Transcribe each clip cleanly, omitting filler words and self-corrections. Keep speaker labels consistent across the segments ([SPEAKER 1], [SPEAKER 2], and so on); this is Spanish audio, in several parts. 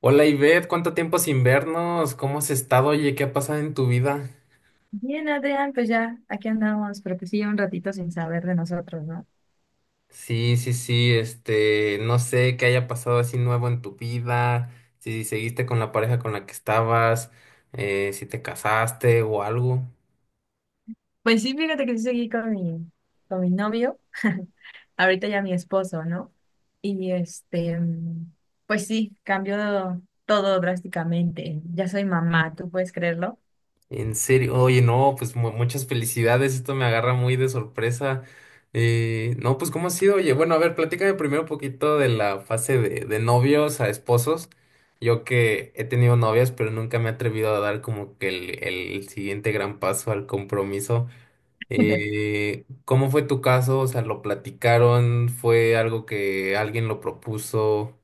[SPEAKER 1] Hola Ivette, ¿cuánto tiempo sin vernos? ¿Cómo has estado? Oye, ¿qué ha pasado en tu vida?
[SPEAKER 2] Bien, Adrián, pues ya aquí andamos, pero pues sí, un ratito sin saber de nosotros, ¿no?
[SPEAKER 1] Sí, sí, sí, no sé qué haya pasado así nuevo en tu vida, si seguiste con la pareja con la que estabas, si te casaste o algo.
[SPEAKER 2] Pues sí, fíjate que sí seguí con mi novio, ahorita ya mi esposo, ¿no? Y este, pues sí, cambió todo drásticamente. Ya soy mamá, ¿tú puedes creerlo?
[SPEAKER 1] En serio, oye, no, pues muchas felicidades, esto me agarra muy de sorpresa. No, pues ¿cómo ha sido? Oye, bueno, a ver, platícame primero un poquito de la fase de novios a esposos. Yo que he tenido novias, pero nunca me he atrevido a dar como que el siguiente gran paso al compromiso. ¿Cómo fue tu caso? O sea, ¿lo platicaron? ¿Fue algo que alguien lo propuso?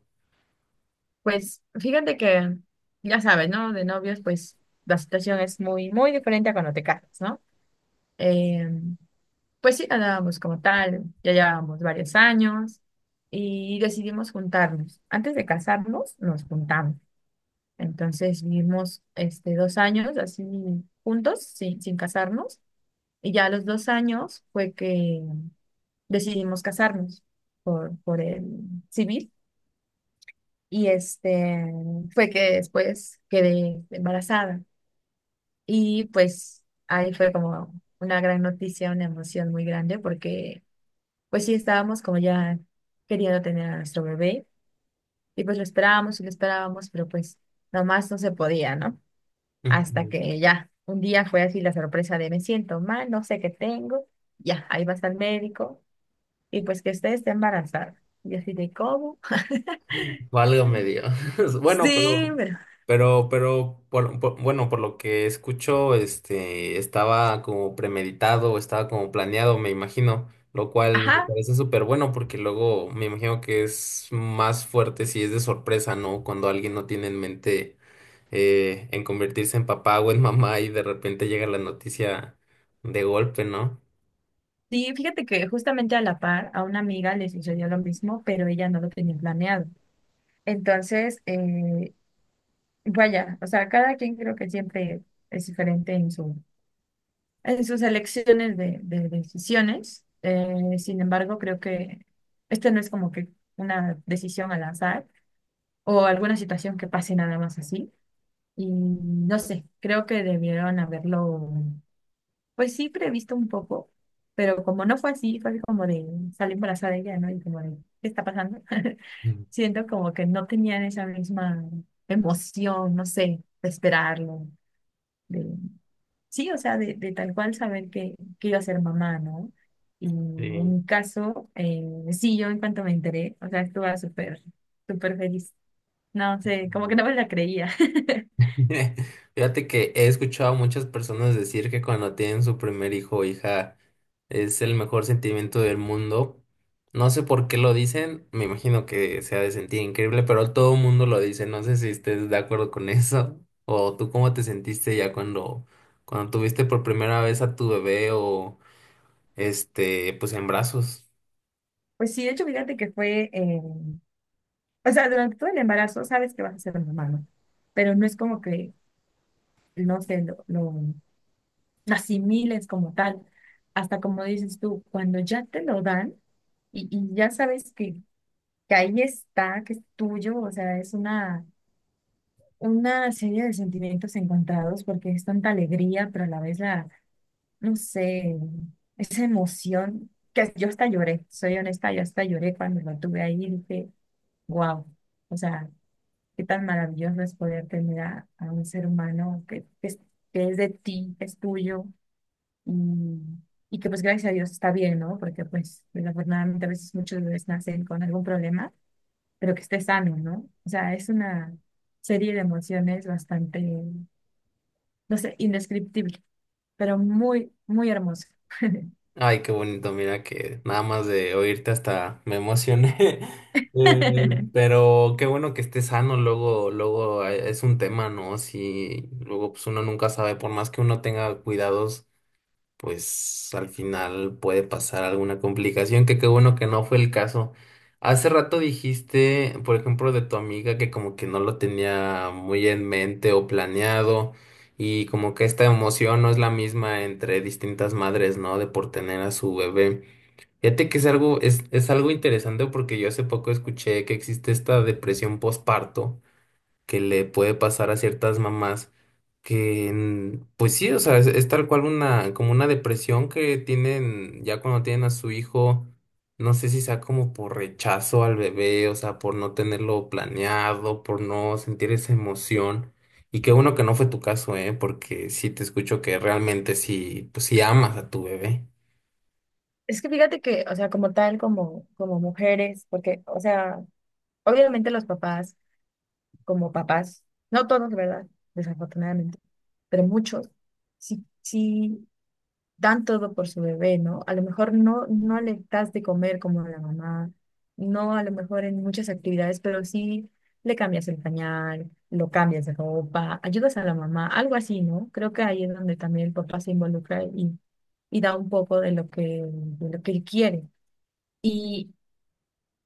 [SPEAKER 2] Pues fíjate que, ya sabes, ¿no? De novios, pues la situación es muy, muy diferente a cuando te casas, ¿no? Em, Pues sí, andábamos como tal, ya llevábamos varios años y decidimos juntarnos. Antes de casarnos, nos juntamos. Entonces vivimos este, dos años así juntos, sin casarnos. Y ya a los dos años fue que decidimos casarnos por el civil. Y este fue que después quedé embarazada. Y pues ahí fue como una gran noticia, una emoción muy grande porque pues sí, estábamos como ya queriendo tener a nuestro bebé y pues lo esperábamos y lo esperábamos, pero pues nomás no se podía, ¿no? Hasta
[SPEAKER 1] Ujú.
[SPEAKER 2] que ya, un día fue así la sorpresa de me siento mal, no sé qué tengo, ya, ahí vas al médico y pues que usted esté embarazada. Y yo así de cómo.
[SPEAKER 1] Válgame Dios. Bueno,
[SPEAKER 2] Sí, pero,
[SPEAKER 1] bueno, por lo que escucho, estaba como premeditado, estaba como planeado, me imagino, lo cual me
[SPEAKER 2] ajá,
[SPEAKER 1] parece súper bueno porque luego me imagino que es más fuerte si es de sorpresa, ¿no? Cuando alguien no tiene en mente en convertirse en papá o en mamá y de repente llega la noticia de golpe, ¿no?
[SPEAKER 2] sí, fíjate que justamente a la par a una amiga le sucedió lo mismo, pero ella no lo tenía planeado. Entonces, vaya, o sea, cada quien creo que siempre es diferente en su, en sus elecciones de decisiones. Sin embargo, creo que este no es como que una decisión al azar o alguna situación que pase nada más así. Y no sé, creo que debieron haberlo, pues sí, previsto un poco, pero como no fue así, fue como de salir embarazada ella, ¿no? Y como de, ¿qué está pasando?
[SPEAKER 1] Mm.
[SPEAKER 2] Siento como que no tenían esa misma emoción, no sé, de esperarlo. Sí, o sea, de tal cual saber que iba a ser mamá, ¿no? Y
[SPEAKER 1] Sí.
[SPEAKER 2] en mi caso, sí, yo en cuanto me enteré, o sea, estuve súper, súper feliz. No sé, como que
[SPEAKER 1] No.
[SPEAKER 2] no me la creía.
[SPEAKER 1] Fíjate que he escuchado a muchas personas decir que cuando tienen su primer hijo o hija es el mejor sentimiento del mundo. No sé por qué lo dicen, me imagino que se ha de sentir increíble, pero todo el mundo lo dice. No sé si estés de acuerdo con eso o tú cómo te sentiste ya cuando tuviste por primera vez a tu bebé o pues en brazos.
[SPEAKER 2] Pues sí, de hecho, fíjate que fue, o sea, durante todo el embarazo sabes que vas a ser mamá, ¿no? Pero no es como que, no sé, lo asimiles como tal, hasta como dices tú, cuando ya te lo dan y ya sabes que ahí está, que es tuyo, o sea, es una serie de sentimientos encontrados porque es tanta alegría, pero a la vez la, no sé, esa emoción que yo hasta lloré, soy honesta, yo hasta lloré cuando lo tuve ahí y dije, wow, o sea, qué tan maravilloso es poder tener a un ser humano que es de ti, que es tuyo y, y que pues gracias a Dios está bien, ¿no? Porque pues desafortunadamente a veces muchos bebés nacen con algún problema, pero que esté sano, ¿no? O sea, es una serie de emociones bastante, no sé, indescriptible, pero muy, muy hermoso.
[SPEAKER 1] Ay, qué bonito, mira que nada más de oírte hasta me emocioné. Eh, pero qué bueno que esté sano, luego, luego es un tema, ¿no? Si luego pues uno nunca sabe, por más que uno tenga cuidados pues al final puede pasar alguna complicación, que qué bueno que no fue el caso. Hace rato dijiste, por ejemplo, de tu amiga que como que no lo tenía muy en mente o planeado y como que esta emoción no es la misma entre distintas madres, ¿no? De por tener a su bebé. Fíjate que es algo, es algo interesante porque yo hace poco escuché que existe esta depresión postparto que le puede pasar a ciertas mamás que pues sí, o sea, es tal cual una, como una depresión que tienen ya cuando tienen a su hijo, no sé si sea como por rechazo al bebé, o sea, por no tenerlo planeado, por no sentir esa emoción. Y qué bueno que no fue tu caso, ¿eh? Porque sí te escucho que realmente sí, pues sí amas a tu bebé.
[SPEAKER 2] Es que fíjate que, o sea, como tal, como, como mujeres, porque, o sea, obviamente los papás, como papás, no todos, ¿verdad? Desafortunadamente, pero muchos, sí, sí dan todo por su bebé, ¿no? A lo mejor no, no le das de comer como la mamá, no a lo mejor en muchas actividades, pero sí le cambias el pañal, lo cambias de ropa, ayudas a la mamá, algo así, ¿no? Creo que ahí es donde también el papá se involucra y da un poco de lo que él quiere. Y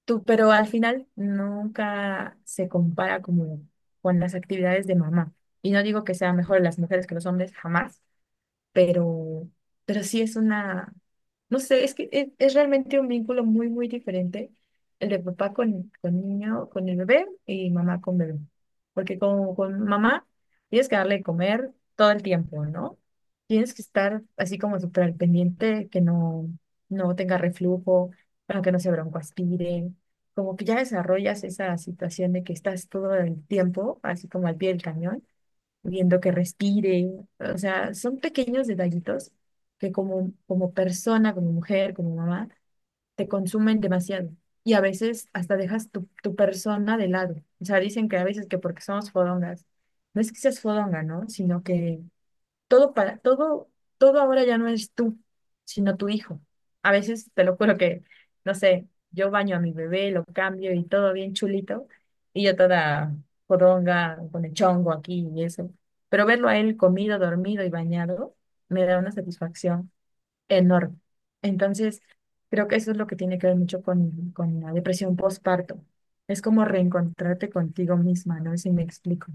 [SPEAKER 2] tú, pero al final nunca se compara como con las actividades de mamá. Y no digo que sean mejor las mujeres que los hombres, jamás, pero, pero sí es una, no sé, es que es realmente un vínculo muy, muy diferente el de papá con niño, con el bebé y mamá con bebé. Porque con mamá tienes que darle de comer todo el tiempo, ¿no? Tienes que estar así como súper al pendiente, que no, no tenga reflujo, para que no se broncoaspire. Como que ya desarrollas esa situación de que estás todo el tiempo, así como al pie del cañón viendo que respire. O sea, son pequeños detallitos que como, como persona, como mujer, como mamá, te consumen demasiado. Y a veces hasta dejas tu persona de lado. O sea, dicen que a veces que porque somos fodongas, no es que seas fodonga, ¿no? Sino que todo para, todo, todo ahora ya no es tú, sino tu hijo. A veces te lo juro que, no sé, yo baño a mi bebé, lo cambio y todo bien chulito, y yo toda poronga con el chongo aquí y eso. Pero verlo a él comido, dormido y bañado me da una satisfacción enorme. Entonces, creo que eso es lo que tiene que ver mucho con la depresión postparto. Es como reencontrarte contigo misma, no sé si me explico.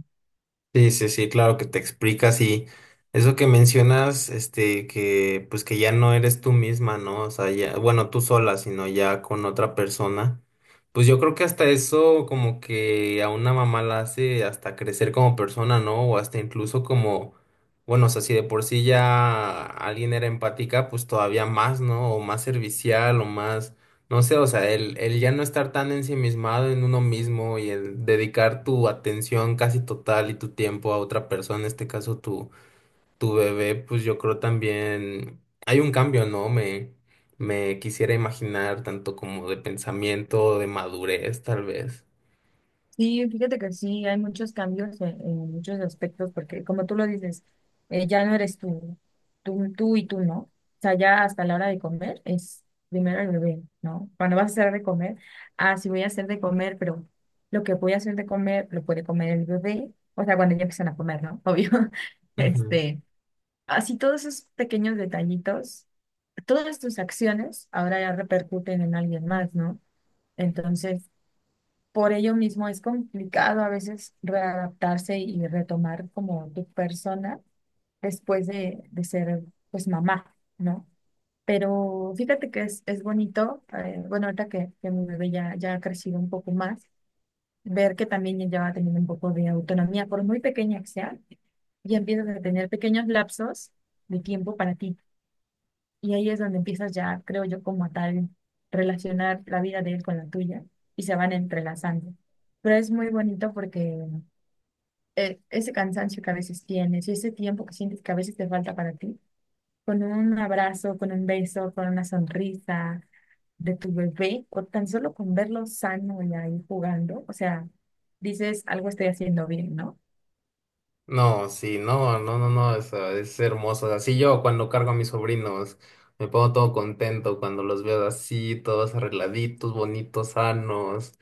[SPEAKER 1] Sí, sí, sí, claro que te explicas y eso que mencionas, que pues que ya no eres tú misma, ¿no? O sea, ya, bueno, tú sola, sino ya con otra persona. Pues yo creo que hasta eso como que a una mamá la hace hasta crecer como persona, ¿no? O hasta incluso como, bueno, o sea, si de por sí ya alguien era empática, pues todavía más, ¿no? O más servicial o más no sé, o sea, el ya no estar tan ensimismado en uno mismo y el dedicar tu atención casi total y tu tiempo a otra persona, en este caso tu bebé, pues yo creo también hay un cambio, ¿no? Me quisiera imaginar tanto como de pensamiento, de madurez, tal vez.
[SPEAKER 2] Sí, fíjate que sí, hay muchos cambios en muchos aspectos, porque como tú lo dices, ya no eres tú, tú, tú y tú, ¿no? O sea, ya hasta la hora de comer es primero el bebé, ¿no? Cuando vas a hacer de comer, ah, sí voy a hacer de comer, pero lo que voy a hacer de comer lo puede comer el bebé, o sea, cuando ya empiezan a comer, ¿no? Obvio. Este, así todos esos pequeños detallitos, todas tus acciones ahora ya repercuten en alguien más, ¿no? Entonces, por ello mismo es complicado a veces readaptarse y retomar como tu persona después de ser pues mamá, ¿no? Pero fíjate que es bonito, bueno, ahorita que mi bebé ya, ya ha crecido un poco más, ver que también ella va teniendo un poco de autonomía, por muy pequeña que sea, ya empiezas a tener pequeños lapsos de tiempo para ti y ahí es donde empiezas ya, creo yo, como a tal, relacionar la vida de él con la tuya y se van entrelazando. Pero es muy bonito porque ese cansancio que a veces tienes y ese tiempo que sientes que a veces te falta para ti, con un abrazo, con un beso, con una sonrisa de tu bebé o tan solo con verlo sano y ahí jugando, o sea, dices, algo estoy haciendo bien, ¿no?
[SPEAKER 1] No, sí, no, no, no, no, es, ah, es hermoso. Así yo cuando cargo a mis sobrinos, me pongo todo contento cuando los veo así, todos arregladitos, bonitos, sanos.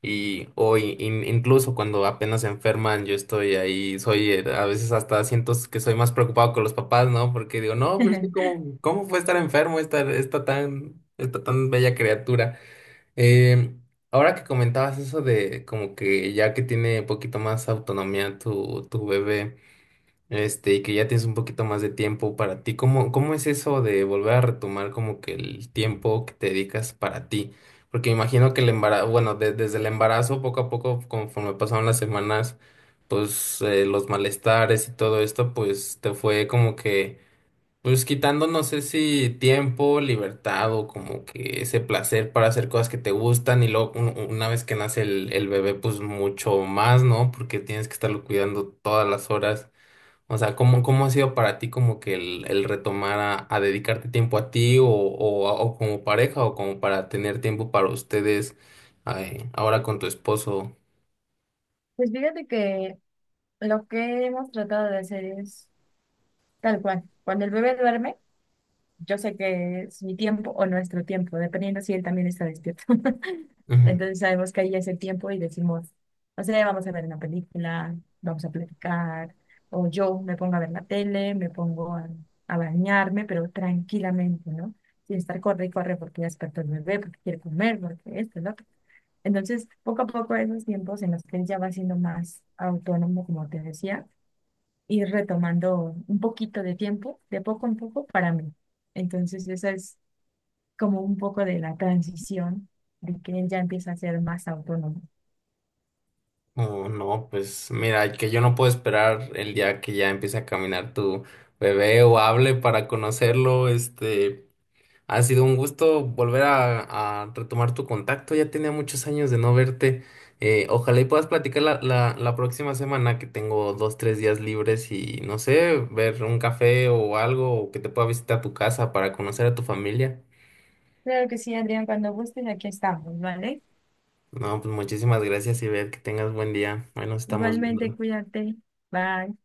[SPEAKER 1] Y hoy, incluso cuando apenas se enferman, yo estoy ahí, soy, a veces hasta siento que soy más preocupado que los papás, ¿no? Porque digo, no, pero es que cómo, cómo puede estar enfermo esta, esta tan bella criatura. Eh, Ahora que comentabas eso de como que ya que tiene poquito más autonomía tu bebé. Y que ya tienes un poquito más de tiempo para ti. ¿Cómo, cómo es eso de volver a retomar como que el tiempo que te dedicas para ti? Porque me imagino que el embarazo, bueno, desde el embarazo, poco a poco, conforme pasaron las semanas, pues los malestares y todo esto, pues te fue como que, pues quitando, no sé si tiempo, libertad o como que ese placer para hacer cosas que te gustan. Y luego una vez que nace el bebé, pues mucho más, ¿no? Porque tienes que estarlo cuidando todas las horas. O sea, ¿cómo, cómo ha sido para ti como que el retomar a dedicarte tiempo a ti o como pareja o como para tener tiempo para ustedes ay, ahora con tu esposo?
[SPEAKER 2] Pues fíjate que lo que hemos tratado de hacer es tal cual. Cuando el bebé duerme, yo sé que es mi tiempo o nuestro tiempo, dependiendo si él también está despierto.
[SPEAKER 1] Ujú.
[SPEAKER 2] Entonces sabemos que ahí es el tiempo y decimos, no sé, vamos a ver una película, vamos a platicar, o yo me pongo a ver la tele, me pongo a bañarme, pero tranquilamente, ¿no? Sin estar corre y corre porque ya despertó el bebé, porque quiere comer, porque esto, ¿no? Entonces, poco a poco esos tiempos en los que él ya va siendo más autónomo, como te decía, ir retomando un poquito de tiempo, de poco en poco, para mí. Entonces, esa es como un poco de la transición de que él ya empieza a ser más autónomo.
[SPEAKER 1] Oh, no, pues mira, que yo no puedo esperar el día que ya empiece a caminar tu bebé o hable para conocerlo, ha sido un gusto volver a retomar tu contacto. Ya tenía muchos años de no verte. Ojalá y puedas platicar la próxima semana que tengo dos, tres días libres y no sé, ver un café o algo o que te pueda visitar tu casa para conocer a tu familia.
[SPEAKER 2] Claro que sí, Adrián, cuando gustes, aquí estamos, ¿vale?
[SPEAKER 1] No, pues muchísimas gracias y ver que tengas buen día. Bueno, estamos
[SPEAKER 2] Igualmente,
[SPEAKER 1] viendo.
[SPEAKER 2] cuídate. Bye.